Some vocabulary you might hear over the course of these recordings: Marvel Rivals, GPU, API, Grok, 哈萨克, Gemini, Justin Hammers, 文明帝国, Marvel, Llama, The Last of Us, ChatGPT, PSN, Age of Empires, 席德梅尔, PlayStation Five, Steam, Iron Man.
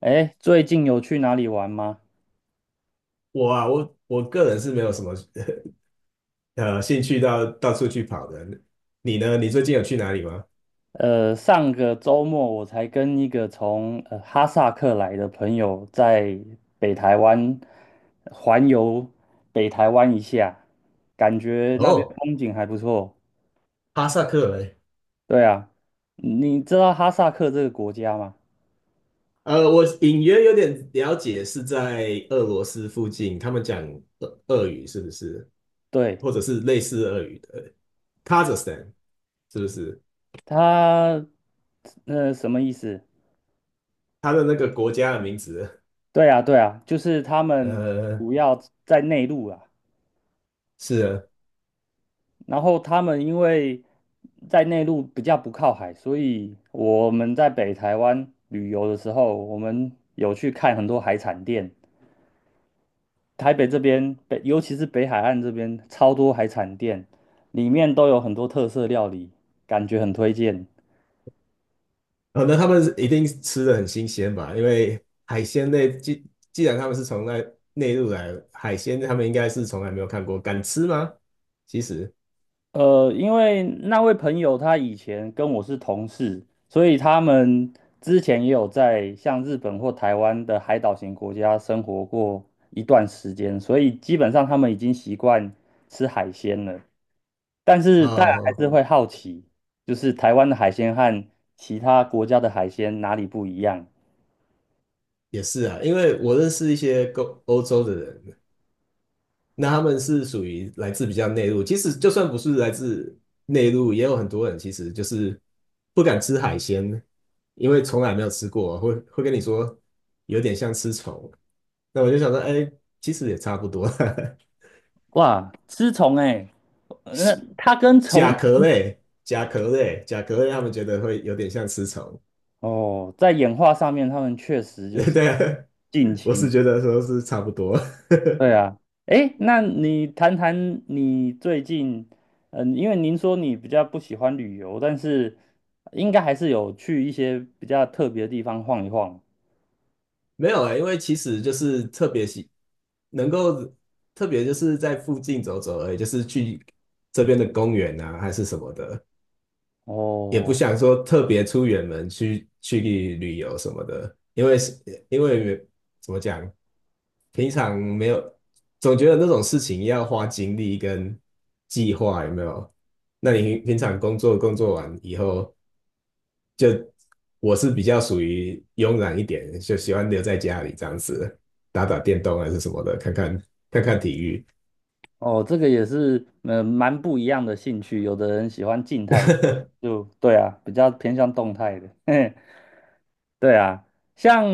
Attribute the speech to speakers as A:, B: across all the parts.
A: 哎，最近有去哪里玩吗？
B: 我啊，我个人是没有什么 兴趣到处去跑的。你呢？你最近有去哪里吗？
A: 上个周末我才跟一个从哈萨克来的朋友在北台湾环游北台湾一下，感觉那边
B: 哦，
A: 风景还不错。
B: 哈萨克哎。
A: 对啊，你知道哈萨克这个国家吗？
B: 我隐约有点了解，是在俄罗斯附近，他们讲俄语是不是？
A: 对，
B: 或者是类似俄语的 Kazakhstan 是不是？
A: 它什么意思？
B: 他的那个国家的名字。
A: 对啊，对啊，就是他们
B: 呃，
A: 主要在内陆啊。
B: 是啊。
A: 然后他们因为在内陆比较不靠海，所以我们在北台湾旅游的时候，我们有去看很多海产店。台北这边北，尤其是北海岸这边，超多海产店，里面都有很多特色料理，感觉很推荐。
B: 哦，那他们一定吃的很新鲜吧？因为海鲜类，既然他们是从那内陆来，海鲜他们应该是从来没有看过，敢吃吗？其实，
A: 因为那位朋友他以前跟我是同事，所以他们之前也有在像日本或台湾的海岛型国家生活过一段时间，所以基本上他们已经习惯吃海鲜了。但是大家还
B: 哦，
A: 是会好奇，就是台湾的海鲜和其他国家的海鲜哪里不一样？
B: 也是啊，因为我认识一些欧洲的人，那他们是属于来自比较内陆，其实就算不是来自内陆，也有很多人其实就是不敢吃海鲜，因为从来没有吃过，会跟你说有点像吃虫。那我就想说，哎，其实也差不多。
A: 哇，吃虫哎、那它 跟
B: 甲
A: 虫
B: 壳类，甲壳类，甲壳类，他们觉得会有点像吃虫。
A: 哦，在演化上面，他们确实 就是
B: 对啊，
A: 近
B: 我
A: 亲。
B: 是觉得说是差不多。
A: 对啊，诶，那你谈谈你最近，嗯，因为您说你比较不喜欢旅游，但是应该还是有去一些比较特别的地方晃一晃。
B: 没有啊、因为其实就是特别喜，能够特别就是在附近走走而已，就是去这边的公园啊，还是什么的。也不
A: 哦
B: 想说特别出远门去旅游什么的，因为是因为怎么讲，平常没有，总觉得那种事情要花精力跟计划，有没有？那你平常工作完以后，就我是比较属于慵懒一点，就喜欢留在家里这样子，打打电动还是什么的，看看体育。
A: 哦，这个也是，嗯，蛮不一样的兴趣。有的人喜欢静态的，就对啊，比较偏向动态的。对啊，像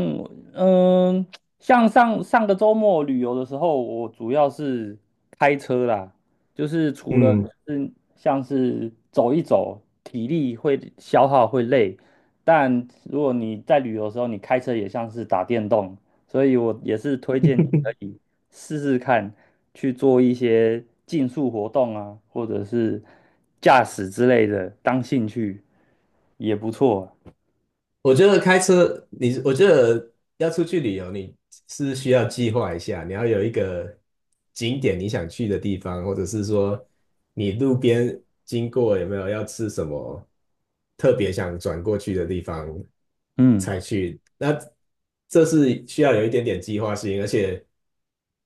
A: 嗯，像上个周末旅游的时候，我主要是开车啦，就是除了
B: 嗯，
A: 是像是走一走，体力会消耗会累，但如果你在旅游的时候，你开车也像是打电动，所以我也是推荐你可以试试看去做一些竞速活动啊，或者是驾驶之类的，当兴趣也不错啊。
B: 我觉得开车，你我觉得要出去旅游，你是需要计划一下，你要有一个景点你想去的地方，或者是说你路边经过有没有要吃什么特别想转过去的地方
A: 嗯。
B: 才去。那这是需要有一点点计划性，而且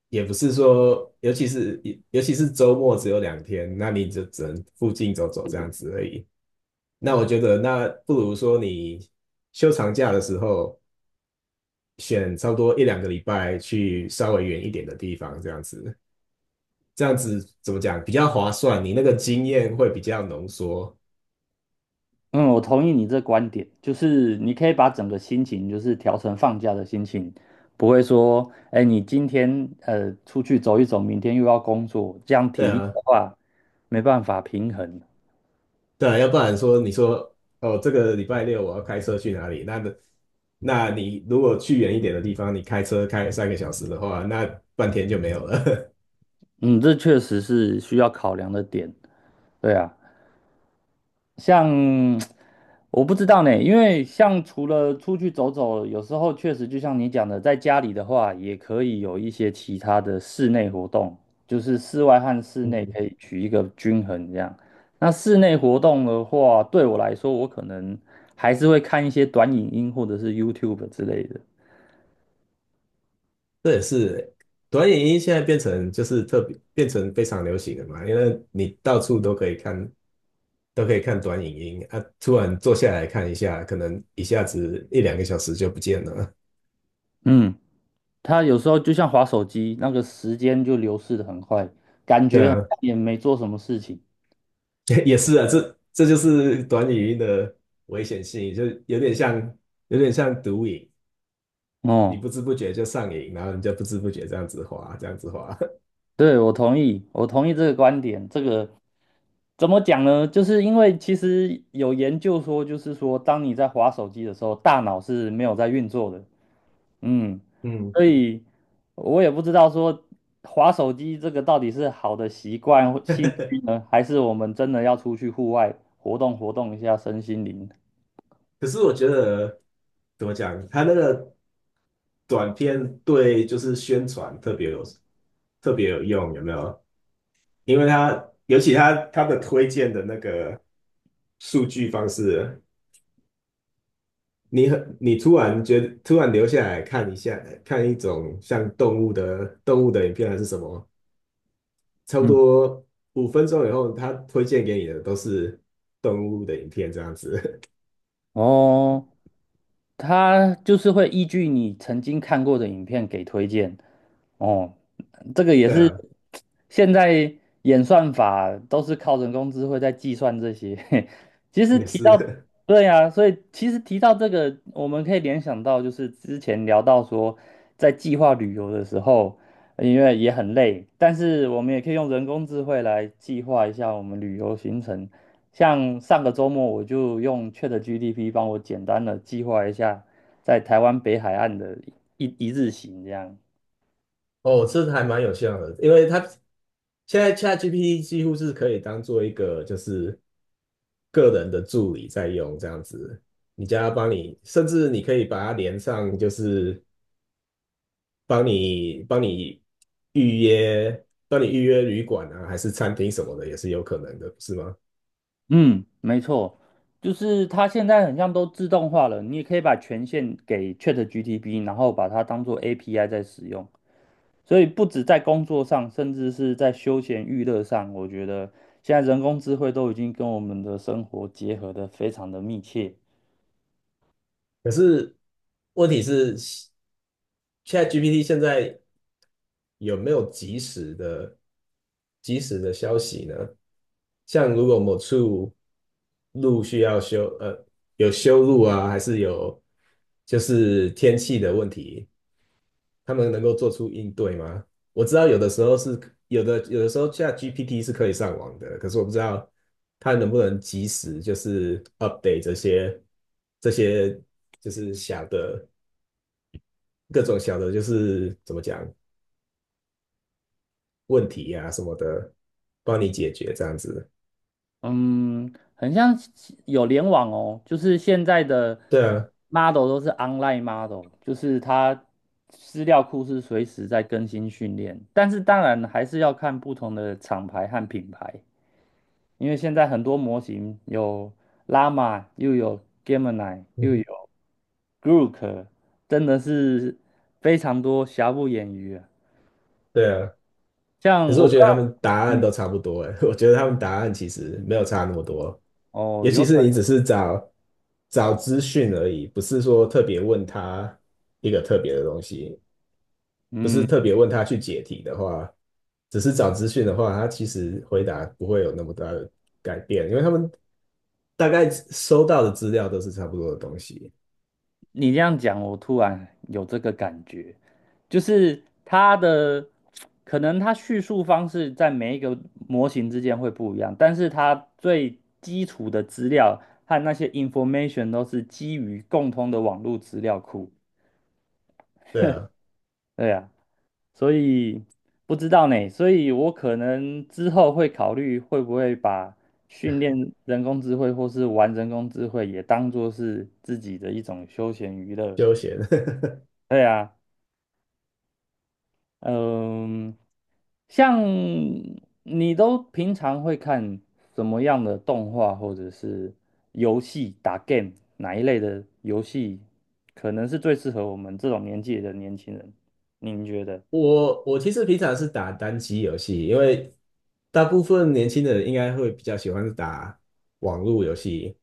B: 也不是说，尤其是周末只有两天，那你就只能附近走走这样子而已。那我觉得，那不如说你休长假的时候，选差不多一两个礼拜去稍微远一点的地方，这样子，这样子怎么讲比较划算？你那个经验会比较浓缩。
A: 嗯，我同意你这观点，就是你可以把整个心情就是调成放假的心情，不会说，哎，你今天出去走一走，明天又要工作，这样
B: 对
A: 体力
B: 啊，
A: 的话没办法平衡。
B: 对啊，要不然说你说哦，这个礼拜六我要开车去哪里？那你如果去远一点的地方，你开车开三个小时的话，那半天就没有了。
A: 嗯，这确实是需要考量的点。对啊，像我不知道呢，因为像除了出去走走，有时候确实就像你讲的，在家里的话，也可以有一些其他的室内活动，就是室外和室内可 以取一个均衡这样。那室内活动的话，对我来说，我可能还是会看一些短影音或者是 YouTube 之类的。
B: 这也是短影音现在变成就是特别变成非常流行的嘛，因为你到处都可以看，都可以看短影音啊，突然坐下来看一下，可能一下子一两个小时就不见了。
A: 嗯，它有时候就像滑手机，那个时间就流逝的很快，感
B: 对
A: 觉好
B: 啊，
A: 像也没做什么事情。
B: 也是啊，这就是短影音的危险性，就有点像有点像毒瘾，你
A: 哦。
B: 不知不觉就上瘾，然后你就不知不觉这样子滑，这样子滑。
A: 对，我同意，我同意这个观点。这个怎么讲呢？就是因为其实有研究说，就是说，当你在滑手机的时候，大脑是没有在运作的。嗯，
B: 嗯。
A: 所以我也不知道说滑手机这个到底是好的习惯或兴趣呢，还是我们真的要出去户外活动活动一下身心灵？
B: 可是我觉得怎么讲，他那个短片对就是宣传特别有特别有用，有没有？因为他尤其他的推荐的那个数据方式，你很你突然觉得突然留下来看一下，看一种像动物的动物的影片还是什么，差不
A: 嗯，
B: 多五分钟以后，他推荐给你的都是动物的影片这样子。
A: 哦。它就是会依据你曾经看过的影片给推荐。哦，这个 也
B: 对
A: 是
B: 啊，
A: 现在演算法都是靠人工智慧在计算这些。其实
B: 也
A: 提到，
B: 是。
A: 对呀，所以其实提到这个，我们可以联想到就是之前聊到说，在计划旅游的时候，因为也很累，但是我们也可以用人工智慧来计划一下我们旅游行程，像上个周末我就用 ChatGPT 帮我简单的计划一下在台湾北海岸的一日行，这样。
B: 哦，这还蛮有效的，因为它现在 ChatGPT 几乎是可以当做一个就是个人的助理在用这样子，你叫它帮你，甚至你可以把它连上，就是帮你预约，帮你预约旅馆啊，还是餐厅什么的，也是有可能的，不是吗？
A: 嗯，没错，就是它现在很像都自动化了，你也可以把权限给 ChatGPT，然后把它当做 API 在使用。所以不止在工作上，甚至是在休闲娱乐上，我觉得现在人工智慧都已经跟我们的生活结合的非常的密切。
B: 可是问题是，ChatGPT 现在有没有及时的消息呢？像如果某处路需要修，有修路啊，还是有就是天气的问题，他们能够做出应对吗？我知道有的时候是有的，有的时候 c g p t 是可以上网的，可是我不知道它能不能及时就是 update 这些这些就是小的各种小的，就是怎么讲问题呀、什么的，帮你解决这样子。
A: 嗯，很像有联网哦，就是现在的
B: 对啊，
A: model 都是 online model，就是它资料库是随时在更新训练，但是当然还是要看不同的厂牌和品牌，因为现在很多模型有 Llama，又有 Gemini，又有 Grok，真的是非常多，瑕不掩瑜啊。
B: 对啊。可
A: 像
B: 是我
A: 我不
B: 觉
A: 知
B: 得他
A: 道，
B: 们答案都
A: 嗯，
B: 差不多哎，我觉得他们答案其实没有差那么多，
A: 哦，
B: 尤其
A: 有可
B: 是
A: 能，
B: 你只是找找资讯而已，不是说特别问他一个特别的东西，不是
A: 嗯。
B: 特别问他去解题的话，只是找资讯的话，他其实回答不会有那么大的改变，因为他们大概收到的资料都是差不多的东西。
A: 你这样讲，我突然有这个感觉，就是它的可能它叙述方式在每一个模型之间会不一样，但是它最基础的资料和那些 information 都是基于共通的网络资料库。
B: 对啊，
A: 对啊，所以不知道呢，所以我可能之后会考虑会不会把训练人工智慧或是玩人工智慧也当做是自己的一种休闲娱乐。
B: 休闲。
A: 对啊。嗯，像你都平常会看什么样的动画或者是游戏打 game 哪一类的游戏，可能是最适合我们这种年纪的年轻人？您觉得？
B: 我其实平常是打单机游戏，因为大部分年轻的人应该会比较喜欢打网络游戏，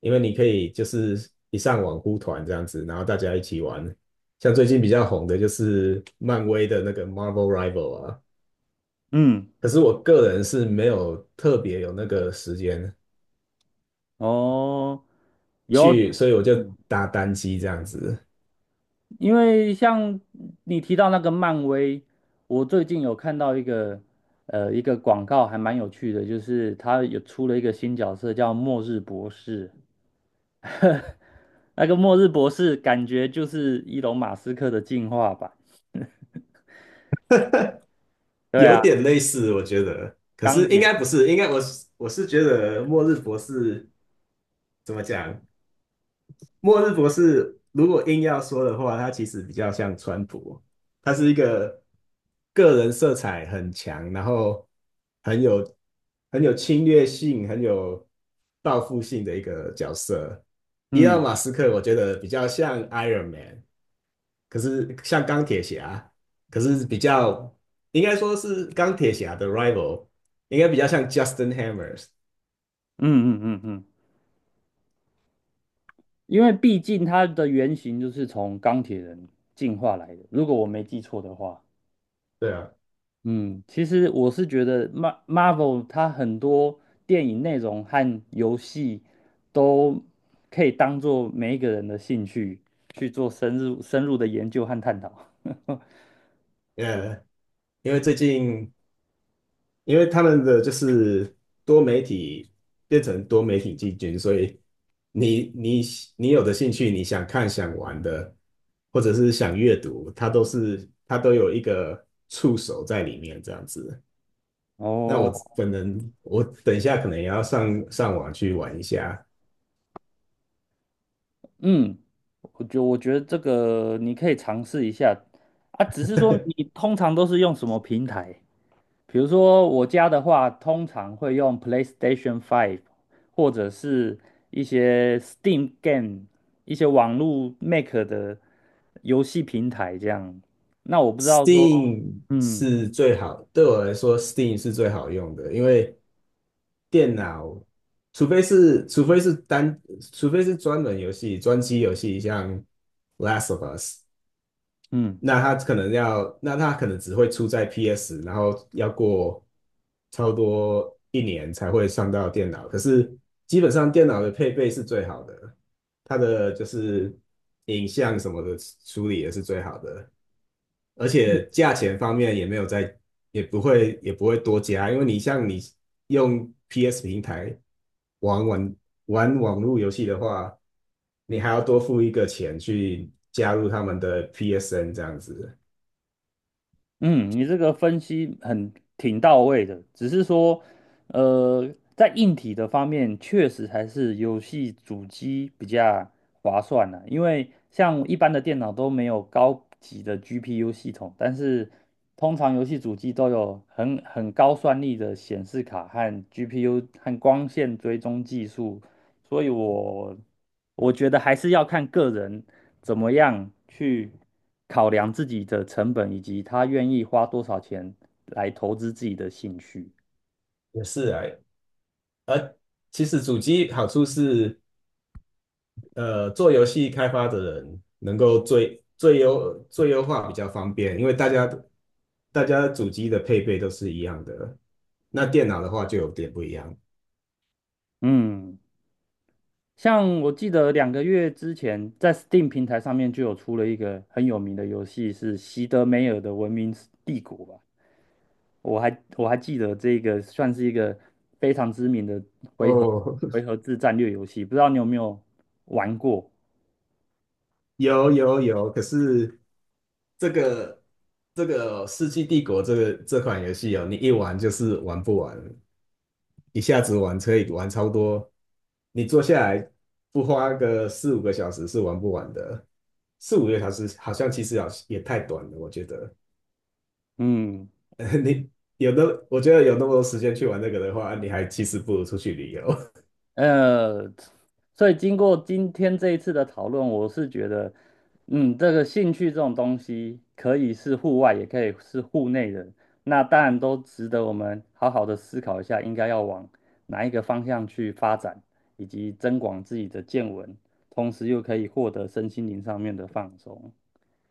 B: 因为你可以就是一上网呼团这样子，然后大家一起玩。像最近比较红的就是漫威的那个 Marvel Rival 啊，
A: 嗯，
B: 可是我个人是没有特别有那个时间
A: 哦，有，
B: 去，所以我就
A: 嗯
B: 打单机这样子。
A: 因为像你提到那个漫威，我最近有看到一个一个广告，还蛮有趣的，就是他有出了一个新角色叫末日博士，那个末日博士感觉就是伊隆马斯克的进化版。对啊，
B: 有点类似，我觉得，可
A: 钢
B: 是应
A: 铁，
B: 该不是，应该我觉得《末日博士》怎么讲？末日博士如果硬要说的话，他其实比较像川普，他是一个个人色彩很强，然后很有很有侵略性、很有报复性的一个角色。伊隆
A: 嗯
B: 马斯克我觉得比较像 Iron Man，可是像钢铁侠，可是比较应该说是钢铁侠的 rival，应该比较像 Justin Hammers。
A: 嗯，因为毕竟他的原型就是从钢铁人进化来的，如果我没记错的话。
B: 对啊，
A: 嗯，其实我是觉得 Marvel 它很多电影内容和游戏都可以当做每一个人的兴趣去做深入的研究和探讨。
B: 呃，因为最近因为他们的就是多媒体变成多媒体进军，所以你你你有的兴趣，你想看、想玩的，或者是想阅读，它都是它都有一个触手在里面这样子。那
A: 哦，
B: 我可能我等一下可能也要上网去玩一下。
A: 嗯，我觉得这个你可以尝试一下啊，只是说你通常都是用什么平台？比如说我家的话，通常会用 PlayStation Five，或者是一些 Steam Game，一些网络 Make 的游戏平台这样。那我不知道说，
B: Steam
A: 嗯
B: 是最好，对我来说，Steam 是最好用的，因为电脑，除非是除非是单，除非是专门游戏、专机游戏，像《Last of Us》，
A: 嗯，
B: 那它可能要，那它可能只会出在 PS，然后要过超多一年才会上到电脑。可是基本上电脑的配备是最好的，它的就是影像什么的处理也是最好的。而且价钱方面也没有在，也不会多加，因为你像你用 PS 平台玩玩玩网络游戏的话，你还要多付一个钱去加入他们的 PSN 这样子。
A: 嗯，你这个分析很挺到位的，只是说，呃，在硬体的方面，确实还是游戏主机比较划算的，因为像一般的电脑都没有高级的 GPU 系统，但是通常游戏主机都有很高算力的显示卡和 GPU 和光线追踪技术所以我觉得还是要看个人怎么样去考量自己的成本，以及他愿意花多少钱来投资自己的兴趣。
B: 也是啊，而其实主机好处是做游戏开发的人能够最优化比较方便，因为大家主机的配备都是一样的，那电脑的话就有点不一样。
A: 嗯，像我记得两个月之前，在 Steam 平台上面就有出了一个很有名的游戏，是席德梅尔的《文明帝国》吧？我还记得这个算是一个非常知名的回合
B: 哦，
A: 回 合制战略游戏，不知道你有没有玩过？
B: 有有有，可是这个这个《世纪帝国》这款游戏哦，你一玩就是玩不完。一下子玩车以玩超多，你坐下来不花个四五个小时是玩不完的。四五个小时好像其实好也太短了，我觉得。
A: 嗯。
B: 你有的，我觉得有那么多时间去玩那个的话，你还其实不如出去旅游。
A: 呃，所以经过今天这一次的讨论，我是觉得，嗯，这个兴趣这种东西可以是户外，也可以是户内的，那当然都值得我们好好的思考一下，应该要往哪一个方向去发展，以及增广自己的见闻，同时又可以获得身心灵上面的放松。